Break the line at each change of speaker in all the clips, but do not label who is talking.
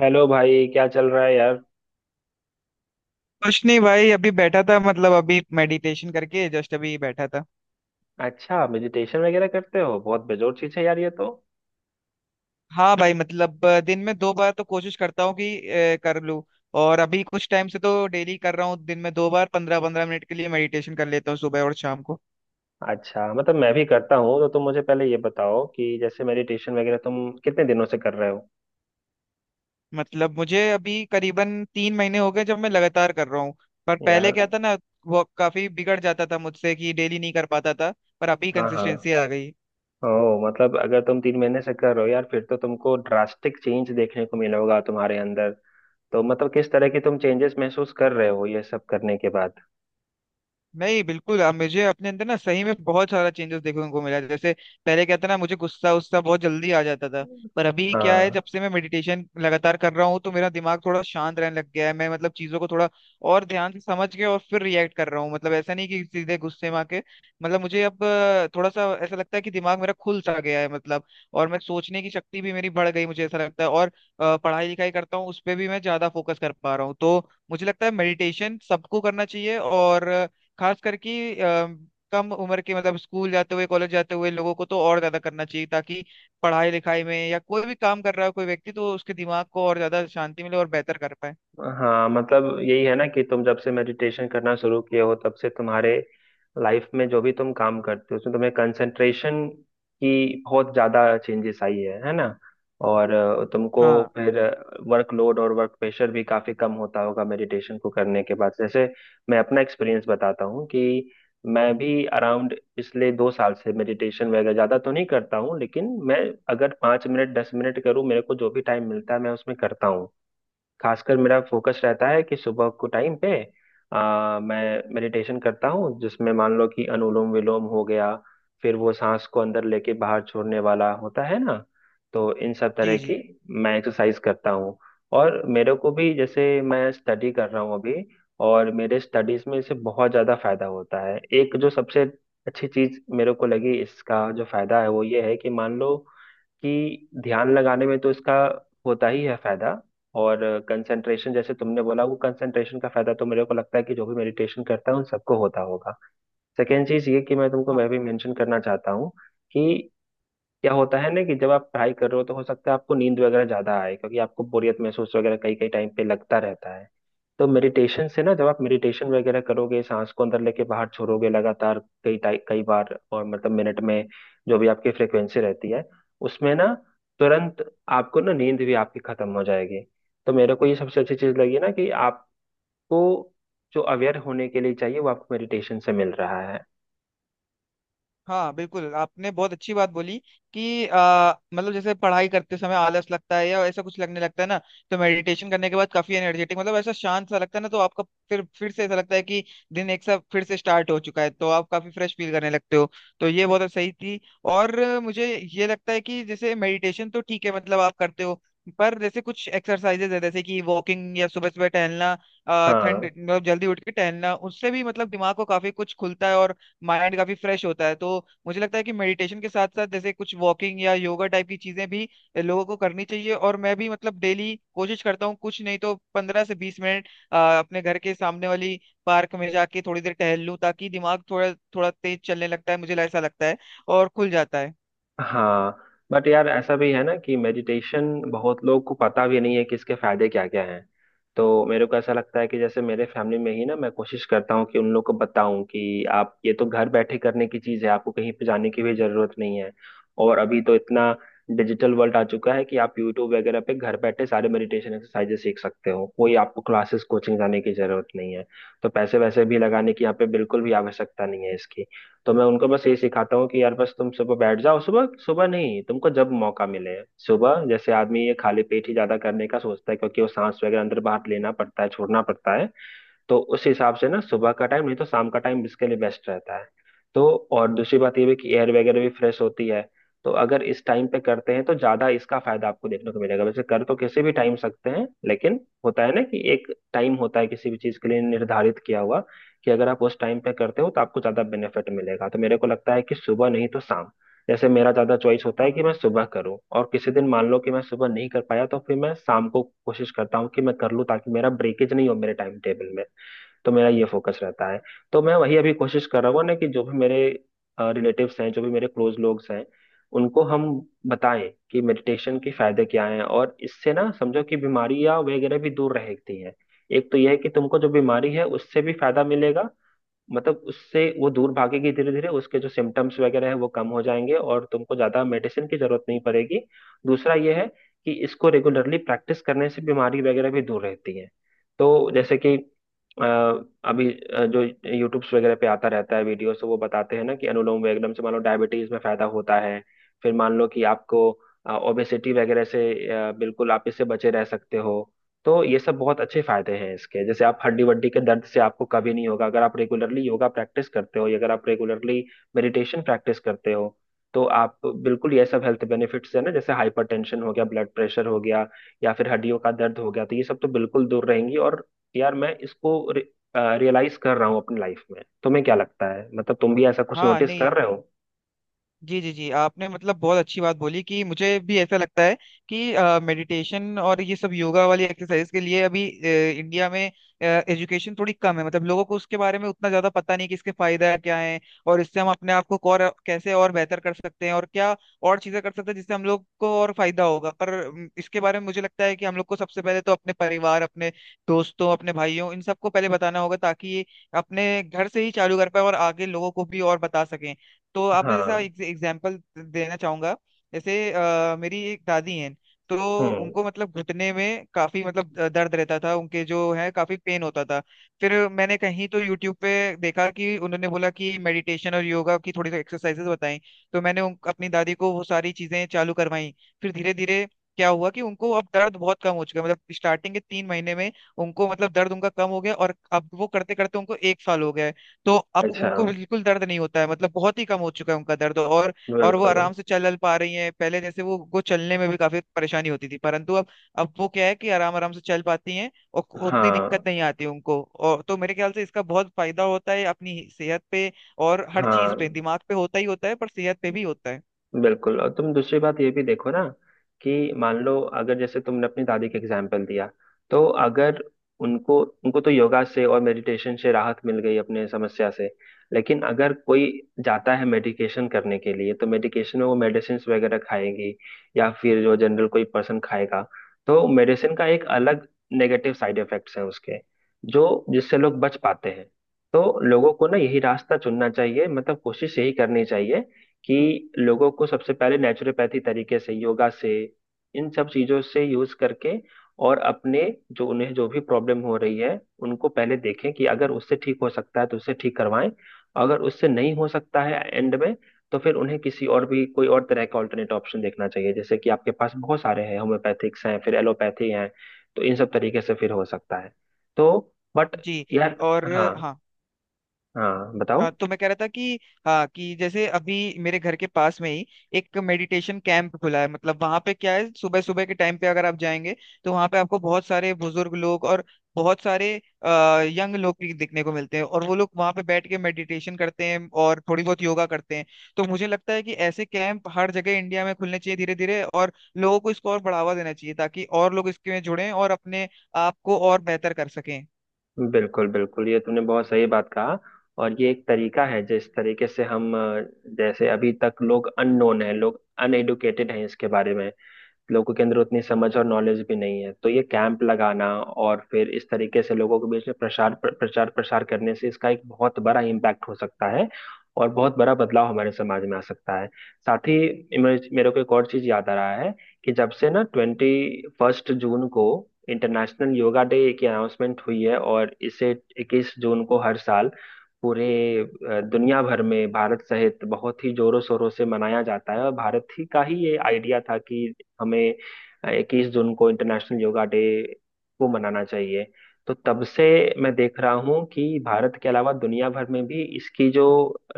Hello भाई क्या चल रहा है यार।
कुछ नहीं भाई अभी बैठा था मतलब अभी मेडिटेशन करके जस्ट अभी बैठा था।
अच्छा, मेडिटेशन वगैरह करते हो, बहुत बेजोर चीज है यार ये तो।
हाँ भाई मतलब दिन में दो बार तो कोशिश करता हूँ कि कर लूँ। और अभी कुछ टाइम से तो डेली कर रहा हूँ दिन में 2 बार 15 15 मिनट के लिए मेडिटेशन कर लेता हूँ सुबह और शाम को।
अच्छा, मतलब मैं भी करता हूँ। तो तुम मुझे पहले ये बताओ कि जैसे मेडिटेशन वगैरह तुम कितने दिनों से कर रहे हो।
मतलब मुझे अभी करीबन 3 महीने हो गए जब मैं लगातार कर रहा हूँ। पर पहले
यार।
क्या था ना वो काफी बिगड़ जाता था मुझसे कि डेली नहीं कर पाता था। पर अभी
हाँ हाँ।
कंसिस्टेंसी आ गई।
ओ। मतलब अगर तुम 3 महीने से कर रहे हो यार फिर तो तुमको ड्रास्टिक चेंज देखने को मिला होगा तुम्हारे अंदर। तो मतलब किस तरह की तुम चेंजेस महसूस कर रहे हो ये सब करने के बाद।
नहीं बिल्कुल अब मुझे अपने अंदर ना सही में बहुत सारा चेंजेस देखने को मिला है। जैसे पहले क्या था ना मुझे गुस्सा उस्सा बहुत जल्दी आ जाता था। पर अभी क्या है
हाँ।
जब से मैं मेडिटेशन लगातार कर रहा हूँ तो मेरा दिमाग थोड़ा शांत रहने लग गया है, मैं मतलब चीजों को थोड़ा और ध्यान से समझ के और फिर रिएक्ट कर रहा हूँ, मतलब ऐसा नहीं कि सीधे गुस्से में आके। मतलब मुझे अब थोड़ा सा ऐसा लगता है कि दिमाग मेरा खुल सा गया है मतलब। और मैं सोचने की शक्ति भी मेरी बढ़ गई मुझे ऐसा लगता है। और पढ़ाई लिखाई करता हूँ उस पर भी मैं ज्यादा फोकस कर पा रहा हूँ, तो मुझे लगता है मेडिटेशन सबको करना चाहिए। और खास करके अ, कम उम्र के मतलब स्कूल जाते हुए कॉलेज जाते हुए लोगों को तो और ज्यादा करना चाहिए, ताकि पढ़ाई लिखाई में या कोई भी काम कर रहा है कोई व्यक्ति तो उसके दिमाग को और ज्यादा शांति मिले और बेहतर कर पाए।
हाँ मतलब यही है ना कि तुम जब से मेडिटेशन करना शुरू किए हो तब से तुम्हारे लाइफ में जो भी तुम काम करते हो उसमें तुम्हें कंसंट्रेशन की बहुत ज्यादा चेंजेस आई है ना। और तुमको
हाँ।
फिर वर्कलोड और वर्क प्रेशर भी काफी कम होता होगा मेडिटेशन को करने के बाद। जैसे मैं अपना एक्सपीरियंस बताता हूँ कि मैं भी अराउंड पिछले 2 साल से मेडिटेशन वगैरह ज्यादा तो नहीं करता हूँ, लेकिन मैं अगर 5 मिनट 10 मिनट करूँ, मेरे को जो भी टाइम मिलता है मैं उसमें करता हूँ। खासकर मेरा फोकस रहता है कि सुबह को टाइम पे मैं मेडिटेशन करता हूँ जिसमें मान लो कि अनुलोम विलोम हो गया। फिर वो सांस को अंदर लेके बाहर छोड़ने वाला होता है ना। तो इन सब तरह
जी
की
जी।
मैं एक्सरसाइज करता हूँ। और मेरे को भी, जैसे मैं स्टडी कर रहा हूँ अभी, और मेरे स्टडीज में इससे बहुत ज़्यादा फायदा होता है। एक जो सबसे अच्छी चीज़ मेरे को लगी इसका जो फायदा है वो ये है कि मान लो कि ध्यान लगाने में तो इसका होता ही है फायदा। और कंसंट्रेशन जैसे तुमने बोला, वो कंसंट्रेशन का फायदा तो मेरे को लगता है कि जो भी मेडिटेशन करता है उन सबको होता होगा। सेकेंड चीज ये कि मैं तुमको मैं भी मेंशन करना चाहता हूँ कि क्या होता है ना कि जब आप पढ़ाई कर रहे हो तो हो सकता है आपको नींद वगैरह ज्यादा आए क्योंकि आपको बोरियत महसूस वगैरह कई कई टाइम पे लगता रहता है। तो मेडिटेशन से ना, जब आप मेडिटेशन वगैरह करोगे सांस को अंदर लेके बाहर छोड़ोगे लगातार कई बार और मतलब मिनट में जो भी आपकी फ्रिक्वेंसी रहती है उसमें ना तुरंत आपको ना नींद भी आपकी खत्म हो जाएगी। तो मेरे को ये सबसे अच्छी चीज लगी ना कि आपको जो अवेयर होने के लिए चाहिए वो आपको मेडिटेशन से मिल रहा है।
हाँ बिल्कुल, आपने बहुत अच्छी बात बोली कि मतलब जैसे पढ़ाई करते समय आलस लगता है या ऐसा कुछ लगने लगता है ना, तो मेडिटेशन करने के बाद काफी एनर्जेटिक मतलब ऐसा शांत सा लगता है ना, तो आपका फिर से ऐसा लगता है कि दिन एक सा फिर से स्टार्ट हो चुका है, तो आप काफी फ्रेश फील करने लगते हो। तो ये बहुत सही थी। और मुझे ये लगता है कि जैसे मेडिटेशन तो ठीक है, मतलब आप करते हो, पर जैसे कुछ एक्सरसाइजेज है जैसे कि वॉकिंग या सुबह सुबह टहलना, ठंड
हाँ
मतलब जल्दी उठ के टहलना, उससे भी मतलब दिमाग को काफी कुछ खुलता है और माइंड काफी फ्रेश होता है। तो मुझे लगता है कि मेडिटेशन के साथ साथ जैसे कुछ वॉकिंग या योगा टाइप की चीजें भी लोगों को करनी चाहिए। और मैं भी मतलब डेली कोशिश करता हूँ, कुछ नहीं तो 15 से 20 मिनट अपने घर के सामने वाली पार्क में जाके थोड़ी देर टहल लूँ, ताकि दिमाग थोड़ा थोड़ा तेज चलने लगता है, मुझे ऐसा लगता है, और खुल जाता है।
हाँ। बट यार ऐसा भी है ना कि मेडिटेशन बहुत लोग को पता भी नहीं है कि इसके फायदे क्या क्या हैं। तो मेरे को ऐसा लगता है कि जैसे मेरे फैमिली में ही ना मैं कोशिश करता हूँ कि उन लोग को बताऊं कि आप ये तो घर बैठे करने की चीज़ है, आपको कहीं पे जाने की भी जरूरत नहीं है। और अभी तो इतना डिजिटल वर्ल्ड आ चुका है कि आप यूट्यूब वगैरह पे घर बैठे सारे मेडिटेशन एक्सरसाइजेस सीख सकते हो, कोई आपको क्लासेस कोचिंग जाने की जरूरत नहीं है। तो पैसे वैसे भी लगाने की यहाँ पे बिल्कुल भी आवश्यकता नहीं है इसकी। तो मैं उनको बस ये सिखाता हूँ कि यार बस तुम सुबह बैठ जाओ, सुबह सुबह नहीं तुमको जब मौका मिले। सुबह जैसे आदमी ये खाली पेट ही ज्यादा करने का सोचता है क्योंकि वो सांस वगैरह अंदर बाहर लेना पड़ता है छोड़ना पड़ता है। तो उस हिसाब से ना सुबह का टाइम नहीं तो शाम का टाइम इसके लिए बेस्ट रहता है। तो और दूसरी बात ये भी कि एयर वगैरह भी फ्रेश होती है। तो अगर इस टाइम पे करते हैं तो ज्यादा इसका फायदा आपको देखने को मिलेगा, वैसे कर तो किसी भी टाइम सकते हैं, लेकिन होता है ना कि एक टाइम होता है किसी भी चीज के लिए निर्धारित किया हुआ कि अगर आप उस टाइम पे करते हो तो आपको ज्यादा बेनिफिट मिलेगा। तो मेरे को लगता है कि सुबह नहीं तो शाम। जैसे मेरा ज्यादा चॉइस होता है
हाँ।
कि मैं सुबह करूं, और किसी दिन मान लो कि मैं सुबह नहीं कर पाया तो फिर मैं शाम को कोशिश करता हूँ कि मैं कर लूँ ताकि मेरा ब्रेकेज नहीं हो मेरे टाइम टेबल में। तो मेरा ये फोकस रहता है। तो मैं वही अभी कोशिश कर रहा हूँ ना कि जो भी मेरे रिलेटिव्स हैं, जो भी मेरे क्लोज लोग हैं, उनको हम बताएं कि मेडिटेशन के फायदे क्या हैं और इससे ना समझो कि बीमारियां वगैरह भी दूर रहती हैं। एक तो यह है कि तुमको जो बीमारी है उससे भी फायदा मिलेगा, मतलब उससे वो दूर भागेगी धीरे धीरे, उसके जो सिम्टम्स वगैरह है वो कम हो जाएंगे और तुमको ज्यादा मेडिसिन की जरूरत नहीं पड़ेगी। दूसरा ये है कि इसको रेगुलरली प्रैक्टिस करने से बीमारी वगैरह भी दूर रहती है। तो जैसे कि अ, अभी जो यूट्यूब्स वगैरह पे आता रहता है वीडियो, तो वो बताते हैं ना कि अनुलोम विलोम से मान लो डायबिटीज में फायदा होता है। फिर मान लो कि आपको ओबेसिटी वगैरह से बिल्कुल आप इससे बचे रह सकते हो। तो ये सब बहुत अच्छे फायदे हैं इसके, जैसे आप हड्डी वड्डी के दर्द से आपको कभी नहीं होगा अगर आप रेगुलरली योगा प्रैक्टिस करते हो या अगर आप रेगुलरली मेडिटेशन प्रैक्टिस करते हो। तो आप बिल्कुल, ये सब हेल्थ बेनिफिट्स है ना जैसे हाइपरटेंशन हो गया, ब्लड प्रेशर हो गया या फिर हड्डियों का दर्द हो गया, तो ये सब तो बिल्कुल दूर रहेंगी। और यार मैं इसको रियलाइज कर रहा हूँ अपनी लाइफ में। तुम्हें क्या लगता है, मतलब तुम भी ऐसा कुछ
हाँ,
नोटिस कर
नहीं।
रहे हो।
जी जी जी, आपने मतलब बहुत अच्छी बात बोली कि मुझे भी ऐसा लगता है कि मेडिटेशन और ये सब योगा वाली एक्सरसाइज के लिए अभी इंडिया में एजुकेशन थोड़ी कम है, मतलब लोगों को उसके बारे में उतना ज्यादा पता नहीं कि इसके फायदा क्या है और इससे हम अपने आप को और कैसे और बेहतर कर सकते हैं और क्या और चीजें कर सकते हैं जिससे हम लोग को और फायदा होगा। पर इसके बारे में मुझे लगता है कि हम लोग को सबसे पहले तो अपने परिवार, अपने दोस्तों, अपने भाइयों, इन सबको पहले बताना होगा, ताकि ये अपने घर से ही चालू कर पाए और आगे लोगों को भी और बता सकें। तो आपने जैसा
हाँ।
एग्जाम्पल देना चाहूंगा जैसे मेरी एक दादी हैं। तो
हम्म।
उनको मतलब घुटने में काफी मतलब दर्द रहता था, उनके जो है काफी पेन होता था। फिर मैंने कहीं तो यूट्यूब पे देखा कि उन्होंने बोला कि मेडिटेशन और योगा की थोड़ी सी एक्सरसाइजेस बताई। तो मैंने अपनी दादी को वो सारी चीजें चालू करवाई। फिर धीरे धीरे क्या हुआ कि उनको अब दर्द बहुत कम हो चुका है। मतलब स्टार्टिंग के 3 महीने में उनको मतलब दर्द उनका कम हो गया, और अब वो करते करते उनको 1 साल हो गया है। तो अब
अच्छा।
उनको बिल्कुल दर्द नहीं होता है, मतलब बहुत ही कम हो चुका है उनका दर्द। और वो
बिल्कुल।
आराम से चल पा रही हैं, पहले जैसे वो उनको चलने में भी काफी परेशानी होती थी, परंतु अब वो क्या है कि आराम आराम से चल पाती हैं और उतनी
हाँ
दिक्कत नहीं आती उनको। और तो मेरे ख्याल से इसका बहुत फायदा होता है अपनी सेहत पे और हर चीज
हाँ
पे, दिमाग पे होता ही होता है पर सेहत पे भी होता है।
बिल्कुल। और तुम दूसरी बात ये भी देखो ना कि मान लो अगर जैसे तुमने अपनी दादी का एग्जाम्पल दिया, तो अगर उनको उनको तो योगा से और मेडिटेशन से राहत मिल गई अपने समस्या से। लेकिन अगर कोई जाता है मेडिकेशन करने के लिए तो मेडिकेशन में वो मेडिसिन वगैरह खाएगी, या फिर जो जनरल कोई पर्सन खाएगा, तो मेडिसिन का एक अलग नेगेटिव साइड इफेक्ट्स है उसके, जो जिससे लोग बच पाते हैं। तो लोगों को ना यही रास्ता चुनना चाहिए, मतलब कोशिश यही करनी चाहिए कि लोगों को सबसे पहले नेचुरोपैथी तरीके से, योगा से, इन सब चीजों से यूज करके और अपने, जो उन्हें जो भी प्रॉब्लम हो रही है उनको पहले देखें कि अगर उससे ठीक हो सकता है तो उससे ठीक करवाएं। अगर उससे नहीं हो सकता है एंड में, तो फिर उन्हें किसी और भी, कोई और तरह का ऑल्टरनेट ऑप्शन देखना चाहिए, जैसे कि आपके पास बहुत सारे हैं, होम्योपैथिक्स हैं, फिर एलोपैथी हैं। तो इन सब तरीके से फिर हो सकता है। तो बट
जी।
यार।
और
हाँ
हाँ,
हाँ बताओ।
तो मैं कह रहा था कि हाँ कि जैसे अभी मेरे घर के पास में ही एक मेडिटेशन कैंप खुला है। मतलब वहां पे क्या है, सुबह सुबह के टाइम पे अगर आप जाएंगे तो वहां पे आपको बहुत सारे बुजुर्ग लोग और बहुत सारे यंग लोग भी दिखने को मिलते हैं, और वो लोग वहां पे बैठ के मेडिटेशन करते हैं और थोड़ी बहुत योगा करते हैं। तो मुझे लगता है कि ऐसे कैंप हर जगह इंडिया में खुलने चाहिए धीरे धीरे, और लोगों को इसको और बढ़ावा देना चाहिए ताकि और लोग इसके में जुड़ें और अपने आप को और बेहतर कर सकें।
बिल्कुल बिल्कुल, ये तूने बहुत सही बात कहा। और ये एक तरीका है जिस तरीके से हम जैसे अभी तक लोग अननोन है, लोग अनएडुकेटेड हैं इसके बारे में, लोगों के अंदर उतनी समझ और नॉलेज भी नहीं है। तो ये कैंप लगाना और फिर इस तरीके से लोगों के बीच में प्रचार प्रसार करने से इसका एक बहुत बड़ा इम्पैक्ट हो सकता है और बहुत बड़ा बदलाव हमारे समाज में आ सकता है। साथ ही मेरे को एक और चीज याद आ रहा है कि जब से ना 21 जून को इंटरनेशनल योगा डे की अनाउंसमेंट हुई है, और इसे 21 जून को हर साल पूरे दुनिया भर में भारत सहित बहुत ही जोरों शोरों से मनाया जाता है, और भारत ही का ही ये आइडिया था कि हमें 21 जून को इंटरनेशनल योगा डे को मनाना चाहिए। तो तब से मैं देख रहा हूँ कि भारत के अलावा दुनिया भर में भी इसकी जो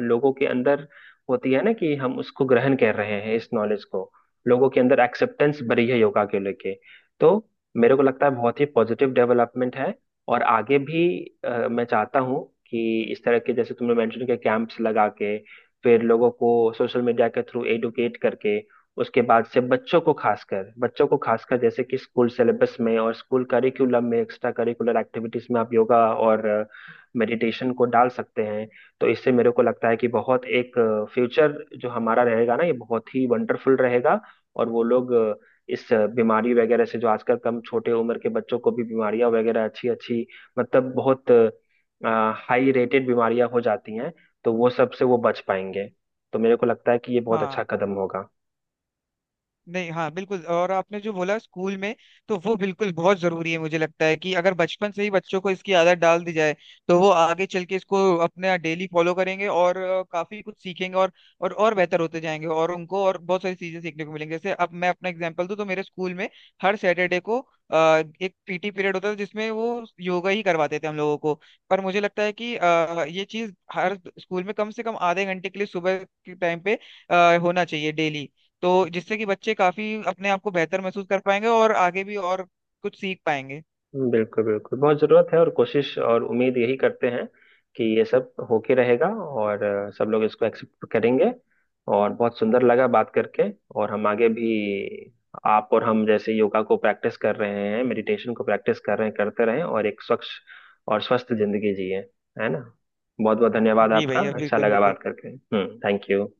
लोगों के अंदर होती है ना कि हम उसको ग्रहण कर रहे हैं इस नॉलेज को, लोगों के अंदर एक्सेप्टेंस बढ़ी है योगा के लेके। तो मेरे को लगता है बहुत ही पॉजिटिव डेवलपमेंट है। और आगे भी मैं चाहता हूँ कि इस तरह के, जैसे तुमने मेंशन किया, कैंप्स लगा के फिर लोगों को सोशल मीडिया के थ्रू एडुकेट करके, उसके बाद से बच्चों को खासकर, बच्चों को खासकर जैसे कि स्कूल सिलेबस में और स्कूल करिकुलम में एक्स्ट्रा करिकुलर एक्टिविटीज में आप योगा और मेडिटेशन को डाल सकते हैं। तो इससे मेरे को लगता है कि बहुत एक फ्यूचर जो हमारा रहेगा ना ये बहुत ही वंडरफुल रहेगा। और वो लोग इस बीमारी वगैरह से, जो आजकल कम छोटे उम्र के बच्चों को भी बीमारियां वगैरह अच्छी अच्छी, मतलब बहुत हाई रेटेड बीमारियां हो जाती हैं, तो वो सब से वो बच पाएंगे। तो मेरे को लगता है कि ये बहुत
हाँ।
अच्छा कदम होगा।
नहीं, हाँ बिल्कुल। और आपने जो बोला स्कूल में, तो वो बिल्कुल बहुत जरूरी है। मुझे लगता है कि अगर बचपन से ही बच्चों को इसकी आदत डाल दी जाए तो वो आगे चल के इसको अपने डेली फॉलो करेंगे और काफी कुछ सीखेंगे और और बेहतर होते जाएंगे और उनको और बहुत सारी चीजें सीखने को मिलेंगी। जैसे अब मैं अपना एग्जांपल दूं तो मेरे स्कूल में हर सैटरडे को एक PT पीरियड होता था, जिसमें वो योगा ही करवाते थे हम लोगों को। पर मुझे लगता है कि ये चीज हर स्कूल में कम से कम आधे घंटे के लिए सुबह के टाइम पे होना चाहिए डेली, तो जिससे कि बच्चे काफी अपने आप को बेहतर महसूस कर पाएंगे और आगे भी और कुछ सीख पाएंगे।
बिल्कुल बिल्कुल, बहुत जरूरत है और कोशिश और उम्मीद यही करते हैं कि ये सब होके रहेगा, और सब लोग इसको एक्सेप्ट करेंगे। और बहुत सुंदर लगा बात करके। और हम आगे भी, आप और हम जैसे योगा को प्रैक्टिस कर रहे हैं, मेडिटेशन को प्रैक्टिस कर रहे हैं, करते रहें और एक स्वच्छ और स्वस्थ जिंदगी जिए, है ना। बहुत बहुत धन्यवाद
जी
आपका।
भैया
अच्छा
बिल्कुल
लगा
बिल्कुल।
बात करके। हम्म। Thank you.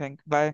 Thank bye.